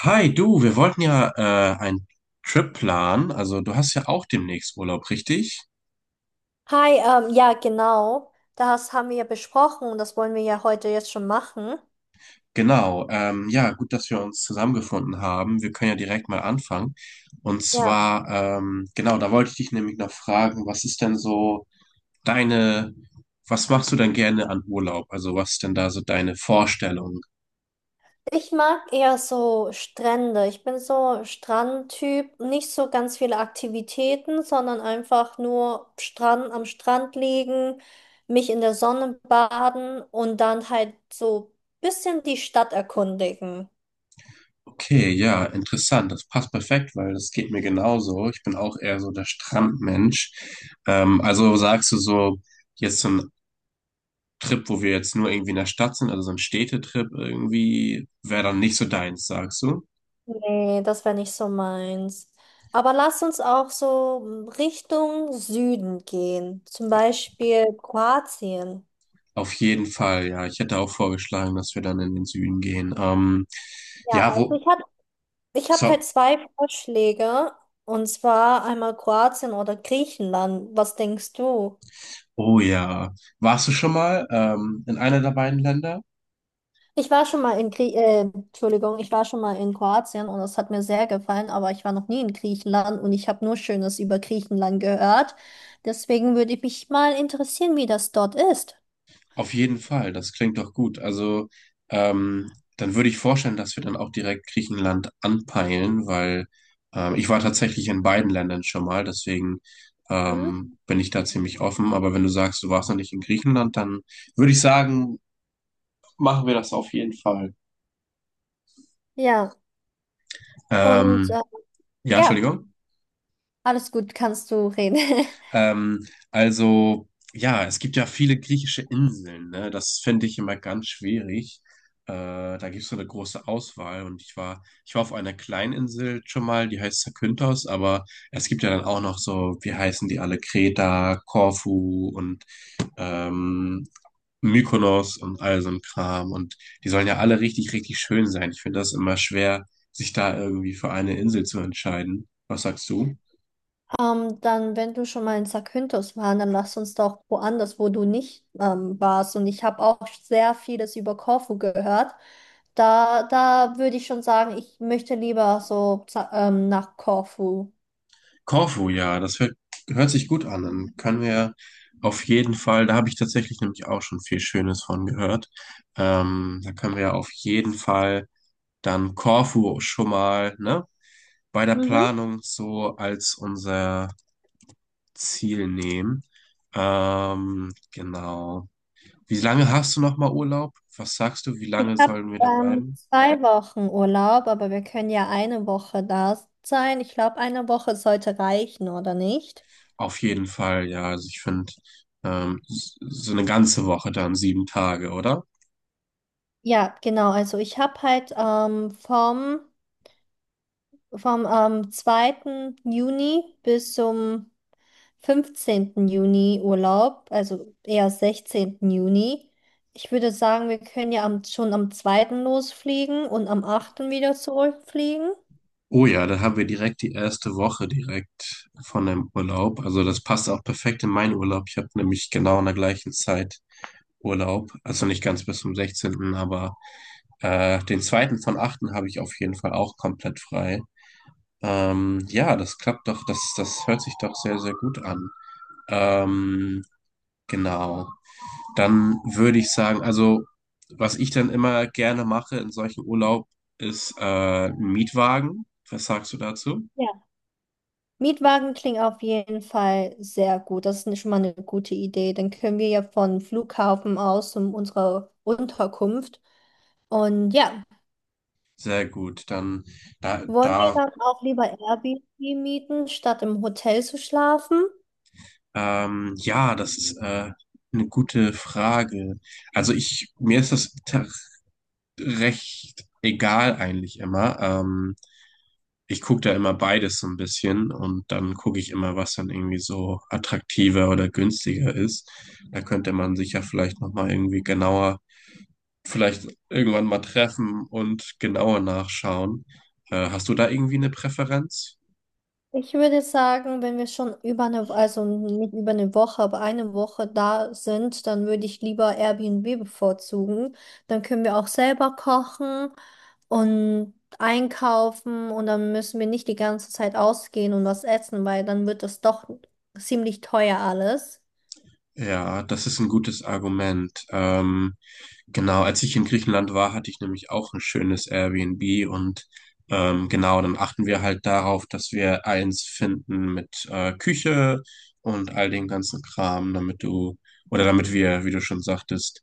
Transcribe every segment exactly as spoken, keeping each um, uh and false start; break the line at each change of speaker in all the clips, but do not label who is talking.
Hi, du, wir wollten ja äh, einen Trip planen. Also du hast ja auch demnächst Urlaub, richtig?
Hi, ähm, ja, genau. Das haben wir ja besprochen und das wollen wir ja heute jetzt schon machen.
Genau. Ähm, ja, gut, dass wir uns zusammengefunden haben. Wir können ja direkt mal anfangen. Und
Ja,
zwar, ähm, genau, da wollte ich dich nämlich noch fragen, was ist denn so deine, was machst du denn gerne an Urlaub? Also was ist denn da so deine Vorstellung?
ich mag eher so Strände. Ich bin so Strandtyp. Nicht so ganz viele Aktivitäten, sondern einfach nur Strand, am Strand liegen, mich in der Sonne baden und dann halt so bisschen die Stadt erkundigen.
Okay, ja, interessant. Das passt perfekt, weil das geht mir genauso. Ich bin auch eher so der Strandmensch. Ähm, also sagst du so, jetzt so ein Trip, wo wir jetzt nur irgendwie in der Stadt sind, also so ein Städtetrip irgendwie, wäre dann nicht so deins, sagst du?
Nee, das wäre nicht so meins. Aber lass uns auch so Richtung Süden gehen, zum Beispiel Kroatien.
Auf jeden Fall, ja. Ich hätte auch vorgeschlagen, dass wir dann in den Süden gehen. Ähm,
Ja,
ja,
also
wo,
ich habe ich hab
so,
halt zwei Vorschläge, und zwar einmal Kroatien oder Griechenland. Was denkst du?
oh ja. Warst du schon mal ähm, in einer der beiden Länder?
Ich war schon mal in Grie äh, Entschuldigung, ich war schon mal in Kroatien und es hat mir sehr gefallen, aber ich war noch nie in Griechenland und ich habe nur Schönes über Griechenland gehört. Deswegen würde ich mich mal interessieren, wie das dort ist.
Auf jeden Fall, das klingt doch gut. Also, ähm, dann würde ich vorstellen, dass wir dann auch direkt Griechenland anpeilen, weil ähm, ich war tatsächlich in beiden Ländern schon mal, deswegen ähm,
Mhm.
bin ich da ziemlich offen. Aber wenn du sagst, du warst noch nicht in Griechenland, dann würde ich sagen, machen wir das auf jeden Fall.
Ja. Und
Ähm,
äh,
ja,
ja,
Entschuldigung.
alles gut, kannst du reden.
Ähm, also, ja, es gibt ja viele griechische Inseln, ne? Das fände ich immer ganz schwierig. Äh, da gibt es so eine große Auswahl und ich war, ich war auf einer Kleininsel schon mal, die heißt Zakynthos, aber es gibt ja dann auch noch so, wie heißen die alle, Kreta, Korfu und ähm, Mykonos und all so ein Kram und die sollen ja alle richtig, richtig schön sein. Ich finde das immer schwer, sich da irgendwie für eine Insel zu entscheiden. Was sagst du?
Ähm, dann, wenn du schon mal in Zakynthos warst, dann lass uns doch woanders, wo du nicht ähm, warst. Und ich habe auch sehr vieles über Korfu gehört. Da, da würde ich schon sagen, ich möchte lieber so za- ähm, nach Korfu.
Korfu, ja, das hört, hört sich gut an. Dann können wir auf jeden Fall. Da habe ich tatsächlich nämlich auch schon viel Schönes von gehört. Ähm, da können wir auf jeden Fall dann Korfu schon mal, ne, bei der
Mhm.
Planung so als unser Ziel nehmen. Ähm, genau. Wie lange hast du noch mal Urlaub? Was sagst du? Wie
Ich
lange
habe
sollen wir da
ähm,
bleiben?
zwei Wochen Urlaub, aber wir können ja eine Woche da sein. Ich glaube, eine Woche sollte reichen, oder nicht?
Auf jeden Fall, ja. Also ich finde, ähm, s- so eine ganze Woche dann, sieben Tage, oder?
Ja, genau. Also ich habe halt ähm, vom Vom ähm, zweiten Juni bis zum fünfzehnten Juni Urlaub, also eher sechzehnten Juni. Ich würde sagen, wir können ja am, schon am zweiten losfliegen und am achten wieder zurückfliegen.
Oh ja, dann haben wir direkt die erste Woche direkt von dem Urlaub. Also das passt auch perfekt in meinen Urlaub. Ich habe nämlich genau in der gleichen Zeit Urlaub. Also nicht ganz bis zum sechzehnten, aber äh, den zweiten von achten habe ich auf jeden Fall auch komplett frei. Ähm, ja, das klappt doch, das, das hört sich doch sehr, sehr gut an. Ähm, genau. Dann würde ich sagen, also was ich dann immer gerne mache in solchen Urlaub ist äh, ein Mietwagen. Was sagst du dazu?
Ja. Mietwagen klingt auf jeden Fall sehr gut. Das ist schon mal eine gute Idee. Dann können wir ja von Flughafen aus um unsere Unterkunft. Und ja,
Sehr gut. Dann da,
wollen wir
da
dann auch lieber Airbnb mieten, statt im Hotel zu schlafen?
ähm, Ja, das ist äh, eine gute Frage. Also ich, mir ist das ta- recht egal eigentlich immer. Ähm, ich gucke da immer beides so ein bisschen und dann gucke ich immer, was dann irgendwie so attraktiver oder günstiger ist. Da könnte man sich ja vielleicht nochmal irgendwie genauer, vielleicht irgendwann mal treffen und genauer nachschauen. Äh, hast du da irgendwie eine Präferenz?
Ich würde sagen, wenn wir schon über eine, also nicht über eine Woche, aber eine Woche da sind, dann würde ich lieber Airbnb bevorzugen. Dann können wir auch selber kochen und einkaufen und dann müssen wir nicht die ganze Zeit ausgehen und was essen, weil dann wird das doch ziemlich teuer alles.
Ja, das ist ein gutes Argument. Ähm, genau, als ich in Griechenland war, hatte ich nämlich auch ein schönes Airbnb. Und ähm, genau, dann achten wir halt darauf, dass wir eins finden mit äh, Küche und all dem ganzen Kram, damit du oder damit wir, wie du schon sagtest,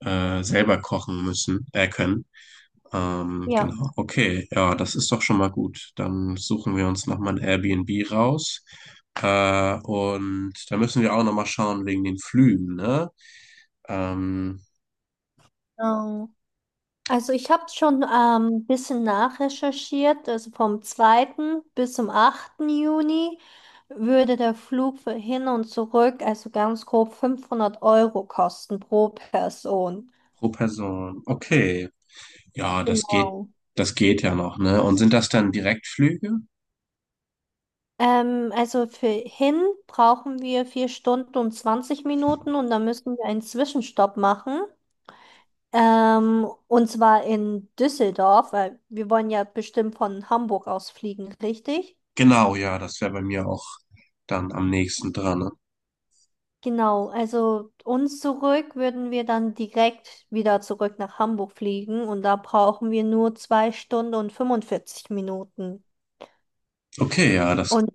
äh, selber kochen müssen, äh, können. Ähm,
Ja.
genau. Okay, ja, das ist doch schon mal gut. Dann suchen wir uns nochmal ein Airbnb raus. Äh, und da müssen wir auch nochmal schauen wegen den Flügen, ne? Ähm,
Also ich habe schon ähm, ein ähm, bisschen nachrecherchiert. Also vom zweiten bis zum achten Juni würde der Flug für hin und zurück, also ganz grob fünfhundert Euro kosten pro Person.
Pro Person. Okay. Ja, das geht,
Genau.
das geht ja noch, ne? Und sind das dann Direktflüge?
Ähm, also für hin brauchen wir vier Stunden und zwanzig Minuten und dann müssen wir einen Zwischenstopp machen. Ähm, und zwar in Düsseldorf, weil wir wollen ja bestimmt von Hamburg aus fliegen, richtig?
Genau, ja, das wäre bei mir auch dann am nächsten dran, ne?
Genau, also uns zurück würden wir dann direkt wieder zurück nach Hamburg fliegen und da brauchen wir nur zwei Stunden und fünfundvierzig Minuten.
Okay, ja, das
Und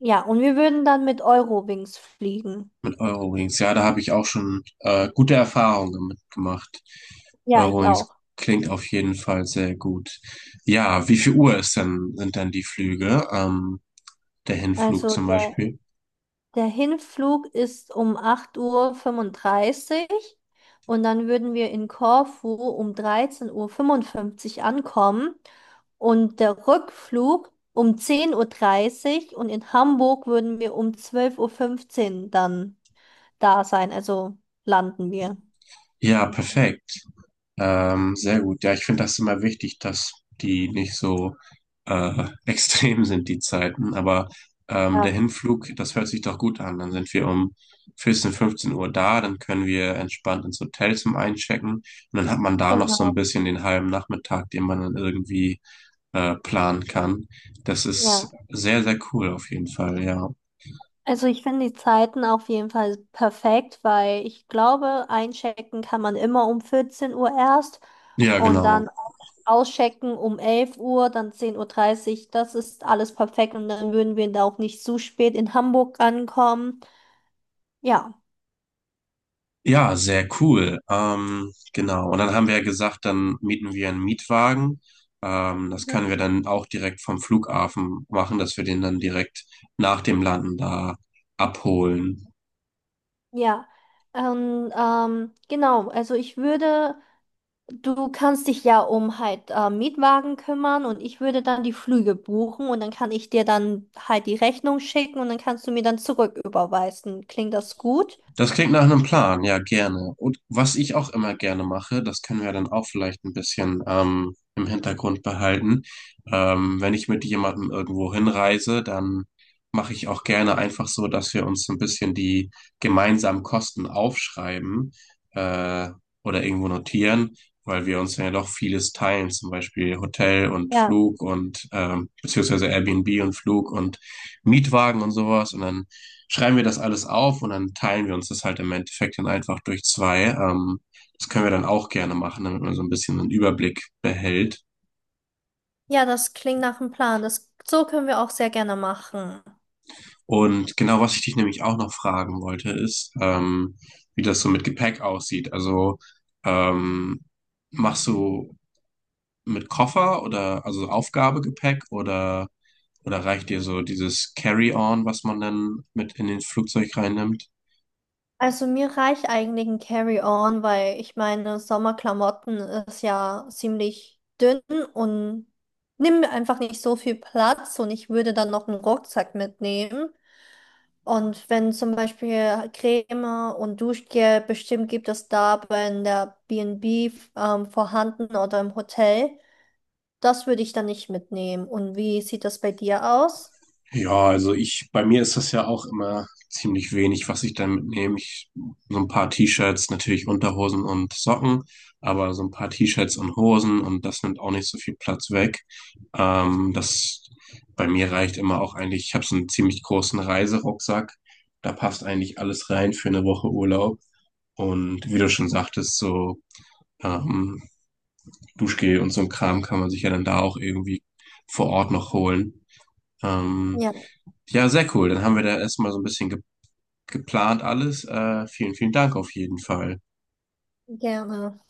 ja, und wir würden dann mit Eurowings fliegen.
mit Eurowings, ja, da habe ich auch schon äh, gute Erfahrungen mitgemacht.
Ja, ich auch.
Eurowings klingt auf jeden Fall sehr gut. Ja, wie viel Uhr ist denn, sind dann die Flüge? Ähm, der Hinflug
Also
zum
der,
Beispiel.
der Hinflug ist um acht Uhr fünfunddreißig und dann würden wir in Korfu um dreizehn Uhr fünfundfünfzig ankommen. Und der Rückflug um zehn Uhr dreißig und in Hamburg würden wir um zwölf Uhr fünfzehn dann da sein. Also landen wir.
Ja, perfekt. Ähm, sehr gut. Ja, ich finde das immer wichtig, dass die nicht so äh, extrem sind, die Zeiten. Aber ähm, der
Ja,
Hinflug, das hört sich doch gut an. Dann sind wir um vierzehn fünfzehn Uhr da, dann können wir entspannt ins Hotel zum Einchecken. Und dann hat man da noch so ein
genau.
bisschen den halben Nachmittag, den man dann irgendwie äh, planen kann. Das
Ja.
ist sehr, sehr cool auf jeden Fall, ja.
Also ich finde die Zeiten auf jeden Fall perfekt, weil ich glaube, einchecken kann man immer um vierzehn Uhr erst
Ja,
und
genau.
dann auschecken um elf Uhr, dann zehn Uhr. dreißig. Das ist alles perfekt und dann würden wir da auch nicht zu spät in Hamburg ankommen. Ja.
Ja, sehr cool. Ähm, genau. Und dann haben wir ja gesagt, dann mieten wir einen Mietwagen. Ähm, das können wir dann auch direkt vom Flughafen machen, dass wir den dann direkt nach dem Landen da abholen.
Ja, ähm, ähm, genau. Also ich würde, du kannst dich ja um halt äh, Mietwagen kümmern und ich würde dann die Flüge buchen und dann kann ich dir dann halt die Rechnung schicken und dann kannst du mir dann zurück überweisen. Klingt das gut?
Das klingt nach einem Plan, ja, gerne. Und was ich auch immer gerne mache, das können wir dann auch vielleicht ein bisschen ähm, im Hintergrund behalten. Ähm, wenn ich mit jemandem irgendwo hinreise, dann mache ich auch gerne einfach so, dass wir uns ein bisschen die gemeinsamen Kosten aufschreiben äh, oder irgendwo notieren, weil wir uns ja doch vieles teilen, zum Beispiel Hotel und
Ja.
Flug und ähm, beziehungsweise Airbnb und Flug und Mietwagen und sowas. Und dann schreiben wir das alles auf und dann teilen wir uns das halt im Endeffekt dann einfach durch zwei. Ähm, das können wir dann auch gerne machen, damit man so ein bisschen einen Überblick behält.
Ja, das klingt nach einem Plan. Das, so können wir auch sehr gerne machen.
Und genau, was ich dich nämlich auch noch fragen wollte, ist, ähm, wie das so mit Gepäck aussieht. Also ähm, machst du mit Koffer oder also Aufgabegepäck oder oder reicht dir so dieses Carry-on, was man dann mit in den Flugzeug reinnimmt?
Also mir reicht eigentlich ein Carry-on, weil ich meine, Sommerklamotten ist ja ziemlich dünn und nimmt mir einfach nicht so viel Platz und ich würde dann noch einen Rucksack mitnehmen. Und wenn zum Beispiel Creme und Duschgel, bestimmt gibt es da bei in der B und B ähm, vorhanden oder im Hotel, das würde ich dann nicht mitnehmen. Und wie sieht das bei dir aus?
Ja, also ich, bei mir ist das ja auch immer ziemlich wenig, was ich dann mitnehme. Ich, so ein paar T-Shirts, natürlich Unterhosen und Socken, aber so ein paar T-Shirts und Hosen, und das nimmt auch nicht so viel Platz weg. Ähm, das bei mir reicht immer auch eigentlich, ich habe so einen ziemlich großen Reiserucksack. Da passt eigentlich alles rein für eine Woche Urlaub. Und wie du schon sagtest, so ähm, Duschgel und so ein Kram kann man sich ja dann da auch irgendwie vor Ort noch holen. Ähm,
Ja,
ja, sehr cool. Dann haben wir da erstmal so ein bisschen ge geplant alles. Äh, vielen, vielen Dank auf jeden Fall.
gerne.